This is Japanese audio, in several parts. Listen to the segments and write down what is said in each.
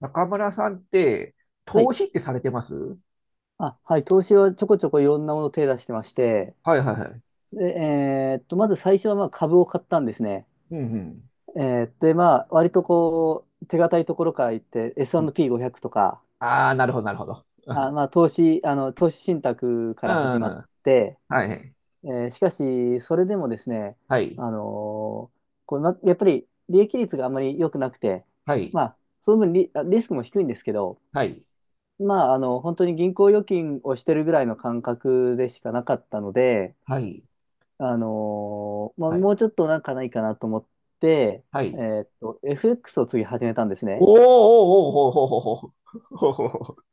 中村さんって、はい。投資ってされてます。はあ、はい。投資はちょこちょこいろんなものを手出してまして、いはいはい。で、まず最初はまあ株を買ったんですね。うんうん。えで、まあ、割とこう、手堅いところから行って、うん。 S&P500 とか、ああー、なるほど、なるほど。あ、まあ、投資信託かうら始まっん、て、はい、しかし、それでもですね、はい、あのーこうな、やっぱり利益率があまり良くなくて、はい、まあ、その分リスクも低いんですけど、はい、まあ、本当に銀行預金をしてるぐらいの感覚でしかなかったので、はい、まあ、はい、もうちょっとなんかないかなと思って、はい。FX を次始めたんですおね。ーおーおーほほほほほほ、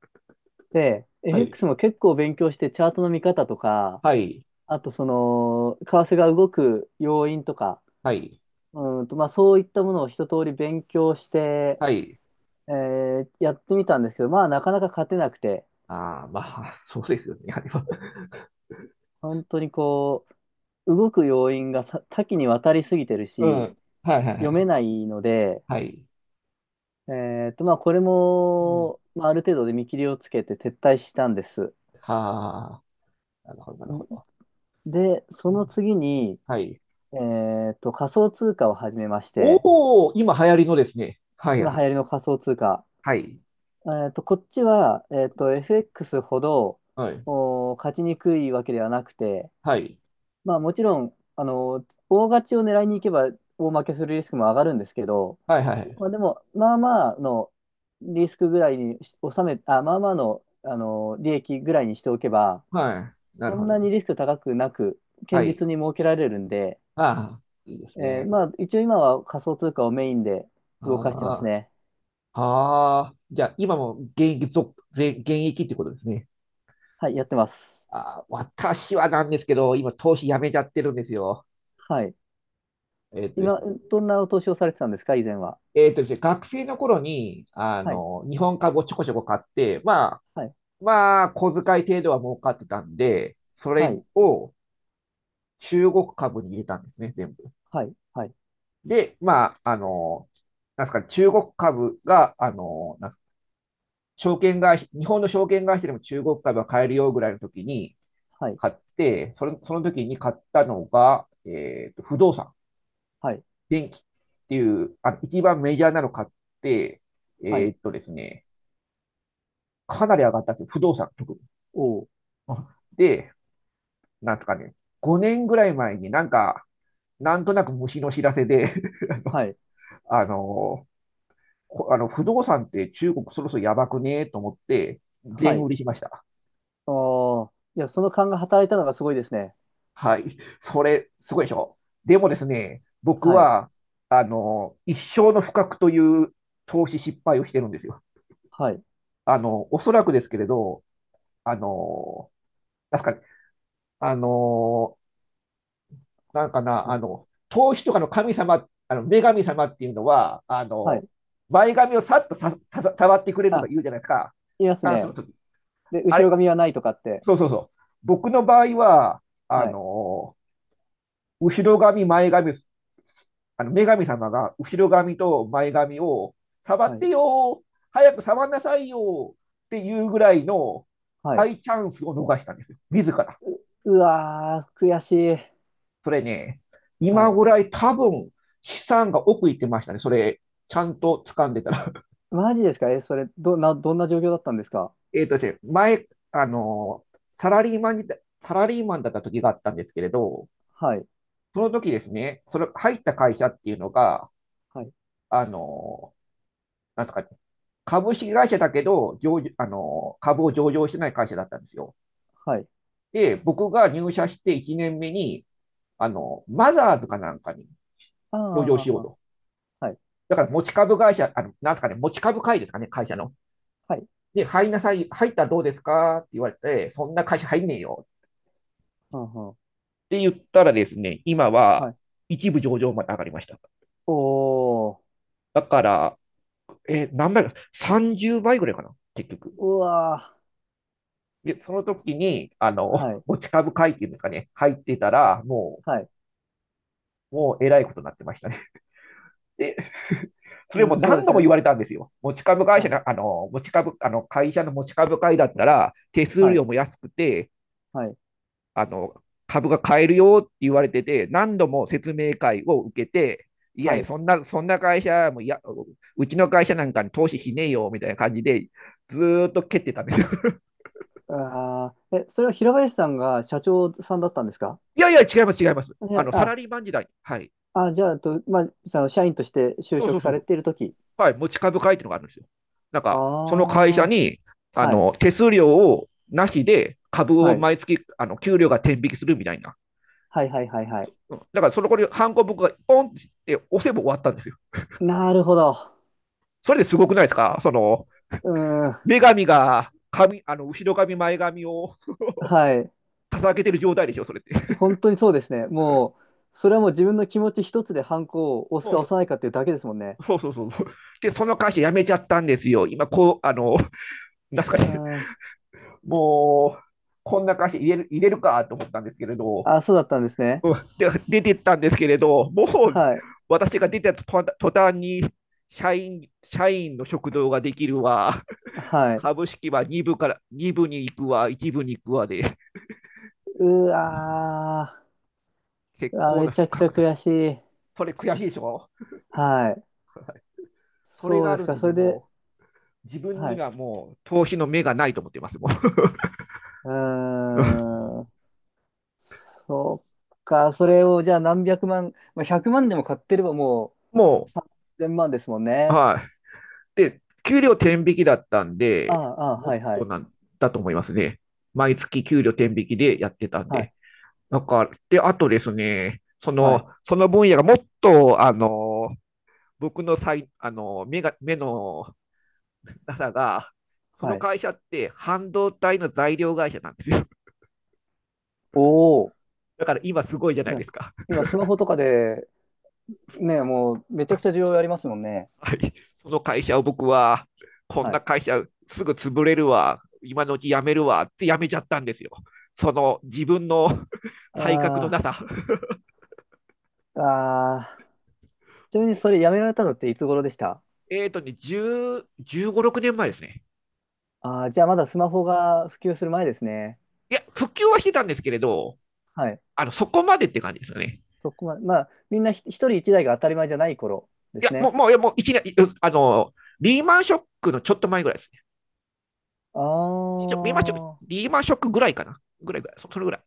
で、はい、FX も結構勉強して、チャートの見方とか、はい、あとその、為替が動く要因とか、はい、まあ、そういったものを一通り勉強して、はい。やってみたんですけど、まあ、なかなか勝てなくて、ああ、まあ、そうですよね。あれは、本当にこう、動く要因がさ多岐にわたりすぎてるうん、し、はい、はいは読めい、ないので、はい。まあ、これうん、も、まあ、ある程度で見切りをつけて撤退したんです。はあ、なるほど、なるほど。で、うそのん、次に、はい。仮想通貨を始めまして、おお、今流行りのですね。はい、今流はい、行りの仮想通貨。はい、こっちは、FX ほど、はい。勝ちにくいわけではなくて、はい。まあ、もちろん、大勝ちを狙いに行けば、大負けするリスクも上がるんですけど、はいはい。まあ、でも、まあまあのリスクぐらいにし収め、あ、まあまあの、利益ぐらいにしておけば、はい。なそるほんなど。にリスク高くなく、は堅い。実に設けられるんで、ああ、いいですね、そまれ。あ、一応今は仮想通貨をメインで動かしてますあね。あ、ああ、じゃあ、今も現役ってことですね。はい、やってます。ああ、私はなんですけど、今、投資やめちゃってるんですよ。はい。えっとです今、ね。どんな投資をされてたんですか、以前は？えっとですね、学生の頃に、はい、日本株をちょこちょこ買って、まあ、はい、小遣い程度は儲かってたんで、そはれい、を中国株に入れたんですね、全部。はい、はい、で、まあ、なんですかね、中国株が、なんですかね、証券会社、日本の証券会社でも中国株は買えるよぐらいの時にはい、買って、その時に買ったのが、不動産、はい、電気っていう、一番メジャーなの買って、はえい、っとですね、かなり上がったんですよ。不動産、特に。おー、で、なんとかね、5年ぐらい前になんか、なんとなく虫の知らせで はい、あの、あの不動産って中国そろそろやばくねと思って、は全い。売りしました。おー、いや、その勘が働いたのがすごいですね。はい。それ、すごいでしょ。でもですね、僕はい、は、一生の不覚という投資失敗をしてるんですよ。はい、おそらくですけれど、あの、確かに、あの、なんかな、はい、投資とかの神様、女神様っていうのは、はい。前髪をさっと触ってくれるとかあ、言うじゃないですか。いますダンスのね。時。で、あ後ろれ、髪はないとかって。そうそうそう。僕の場合は、あはい、の後ろ髪、前髪、あの女神様が後ろ髪と前髪を触はっい、てよ、早く触んなさいよっていうぐらいのはい。大チャンスを逃したんですよ、自ら。うわー、悔しい。それね、は今い。ぐらい多分、資産が奥行ってましたね、それ、ちゃんと掴んでたら。マジですかえ、それ、どんな状況だったんですか？ えっとですね、あのサラリーマンサラリーマンだった時があったんですけれど、はい、その時ですね、それ入った会社っていうのが、はい、あのなんですかね、株式会社だけど、上場あの、株を上場してない会社だったんですよ。はい。で、僕が入社して1年目に、マザーズかなんかにあ上場あ、しようはい、と。はい、だから持ち株会社、なんですかね、持ち株会ですかね、会社の。はい、で、入りなさい、入ったらどうですかって言われて、そんな会社入んねえよっはんはんて言ったらですね、今ははい。一部上場まで上がりました。おー、だから、何倍か、30倍ぐらいかな、結局。うわで、その時に、ー、はい、持ち株会っていうんですかね、入ってたら、もうはい。もうえらいことになってましたね。で、それうもん、そうで何度もす言ね。われたんですよ。持ち株会は社い、の、持ち株、会社の持ち株会だったら、手数はい、料も安くて、はい、あの、株が買えるよって言われてて、何度も説明会を受けて、いやはいや、い。そんな会社もいや、うちの会社なんかに投資しねえよみたいな感じで、ずーっと蹴ってたんですよ。ああ、え、それは平林さんが社長さんだったんですか？いやいや、違います、違います。いやサラあ、リーマン時代。はい。あじゃあ、まあ、その社員として就そうそ職うそさう。れているとき。はい、持ち株会っていうのがあるんですよ。なんあか、その会社あ、に、はい、手数料をなしで株はをい、毎月、給料が転引きするみたいな。はい、はい、はい、はい。うん、だから、そのこに、ハンコ僕がポンって押せば終わったんですよ。なるほど。それですごくないですか、うーん、女神が、髪、あの、後ろ髪、前髪をはい。掲げてる状態でしょ、それって。本当にそうですね。もう、それはもう自分の気持ち一つでハンコを押すもうか押さそ、ないかっていうだけですもんね。うそうそうそう。で、その会社辞めちゃったんですよ。今、こう、なんすうかね、ーん。もう、こんな会社入れるかと思ったんですけれど、あ、そうだったんですね。うん、で出てったんですけれど、もうはい。私が出てた途端に社員の食堂ができるわ、はい。株式は2部から2部に行くわ、1部に行くわで、うわ結ー。あ、構めなちゃく深ちゃく、悔しい。それ悔しいでしょ、はい。それそがうあでするんか。でそね、れで、もう自分はにい。はもう投資の目がないと思ってます、もう。う ーん。そっか。それをじゃあ何百万、まあ、100万でも買ってればもうも3000万ですもんう、ね。はい、で、給料天引きだったんあで、あ、ああ、もはっいはとい。なんだと思いますね。毎月給料天引きでやってたんはで。い。なんか、で、あとですね、そはい。の、その分野がもっと、僕のさい、目のなさが、そはのい。会社って半導体の材料会社なんですよ。おお。だから今すごいじゃないいでやすか。今、スマホとかでねえ、もうめちゃくちゃ需要ありますもんね。はい。その会社を僕は、こんはない。会社すぐ潰れるわ、今のうち辞めるわって辞めちゃったんですよ。その自分の 才覚のなあさ。あああ、ちなみにそれやめられたのっていつ頃でした？10、15、6年前ですね。ああー、じゃあまだスマホが普及する前ですね。いや、復旧はしてたんですけれど、はい。そこまでって感じですよね。そこまで、まあ、みんな一人一台が当たり前じゃない頃でいすや、もう、ね。もう、もう一年、あの、リーマンショックのちょっと前ぐらいですね。ああ、リーマンショックぐらいかな。ぐらいぐらい。それぐらい。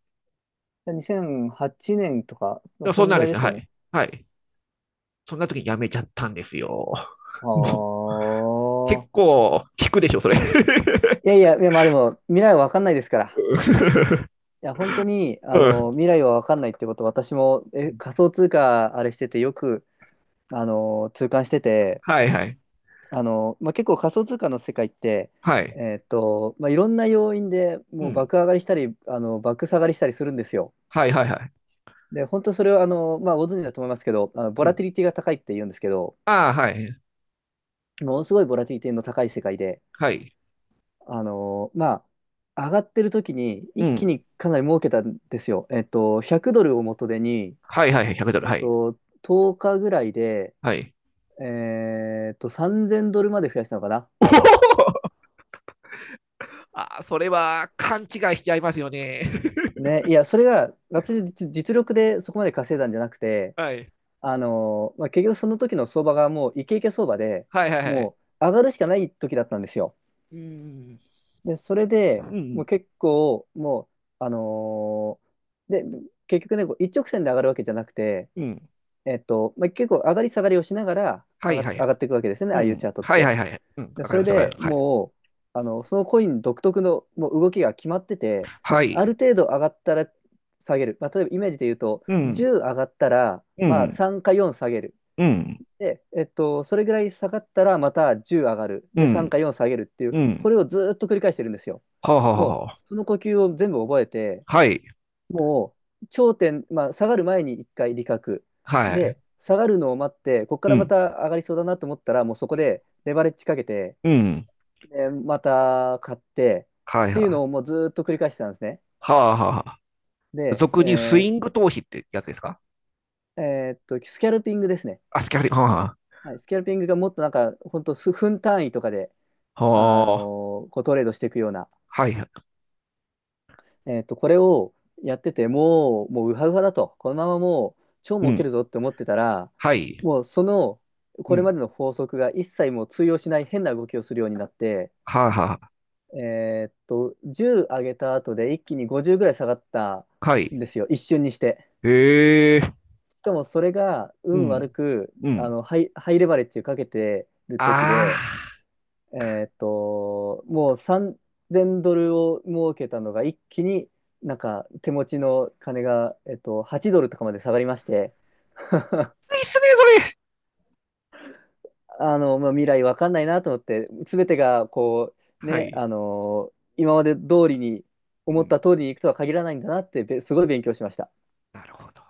じゃあ2008年とか、まであもそそんんなぐんらでいすでね。すはよね。い。はい。そんな時に辞めちゃったんですよ。はもう、結あ。構、聞くでしょ、それ。いやいや、いや、まあでも、未来は分かんないですから。いや、本当に、うん。未来は分かんないってこと、私も、仮想通貨、あれしててよく、痛感してて、はいはい。まあ、結構仮想通貨の世界って、はい。まあ、いろんな要因でうもうん。爆上がりしたり爆下がりしたりするんですよ。はいはいはい。で本当それはまあ、ご存知だと思いますけど、ボうラテん。ィリティが高いって言うんですけど、ああ、はい。ものすごいボラティリティの高い世界ではい。まあ、上がってる時にう一気ん。にかなり儲けたんですよ。100ドルを元手に、はいはいはい。100ドル。はい。10日ぐらいで、はい。3000ドルまで増やしたのかな。おお。 ああ、それは勘違いしちゃいますよね。ね、いや、それが、私の実力でそこまで稼いだんじゃなく て、はい。まあ、結局その時の相場がもうイケイケ相場で、はいはいはい。もう上がるしかない時だったんですよ。うん。で、それうでもん。う結構、もう、で、結局ね、こう一直線で上がるわけじゃなくて、うん。まあ、結構上がり下がりをしながらは上いがっ、はい。上がっていくわけですよね、うああいうん。チャートっはいはて。いはい。うん。で、わかそりれます、わかりでます。はい。もう、そのコイン独特のもう動きが決まってて、はあい。る程度上がったら下げる。まあ、例えばイメージで言うと、うん。10上がったら、うまあ、ん。3か4下げる。うん。で、それぐらい下がったらまた10上がる。うで、3ん。か4下げるっていうう、ん。これをずーっと繰り返してるんですよ。はあはあもはあ。う、その呼吸を全部覚えて、はい。もう、頂点、まあ、下がる前に1回利確。はい。で、下がるのを待って、ここかうらまん。た上がりそうだなと思ったら、もうそこでレバレッジかけて、うん。で、また買ってはっいていうはのをい。もうずーっと繰り返してたんですね。はあはあはあ。で、俗にスイング投資ってやつですか？スキャルピングですね。あ、スキャリ、はあははい、スキャルピングがもっとなんか、本当数分単位とかで、あ。はこうトレードしていくような、はいはい。これをやってて、もう、もうウハウハだと、このままもう超う儲けん。るぞって思ってたら、はい。もうその、うこれまん。での法則が一切もう通用しない変な動きをするようになって、はあは10上げた後で一気に50ぐらい下がったあ。はんい。ですよ、一瞬にして。へえ。かもそれがう運悪ん。くうん。ハイレバレッジかけてる時あで、もう3000ドルを儲けたのが一気になんか手持ちの金が、8ドルとかまで下がりまして、あ。いいっすね、それ。まあ、未来わかんないなと思って、すべてがこう、はね、い。今まで通りにう思っん、た通りにいくとは限らないんだなってすごい勉強しました。なるほど。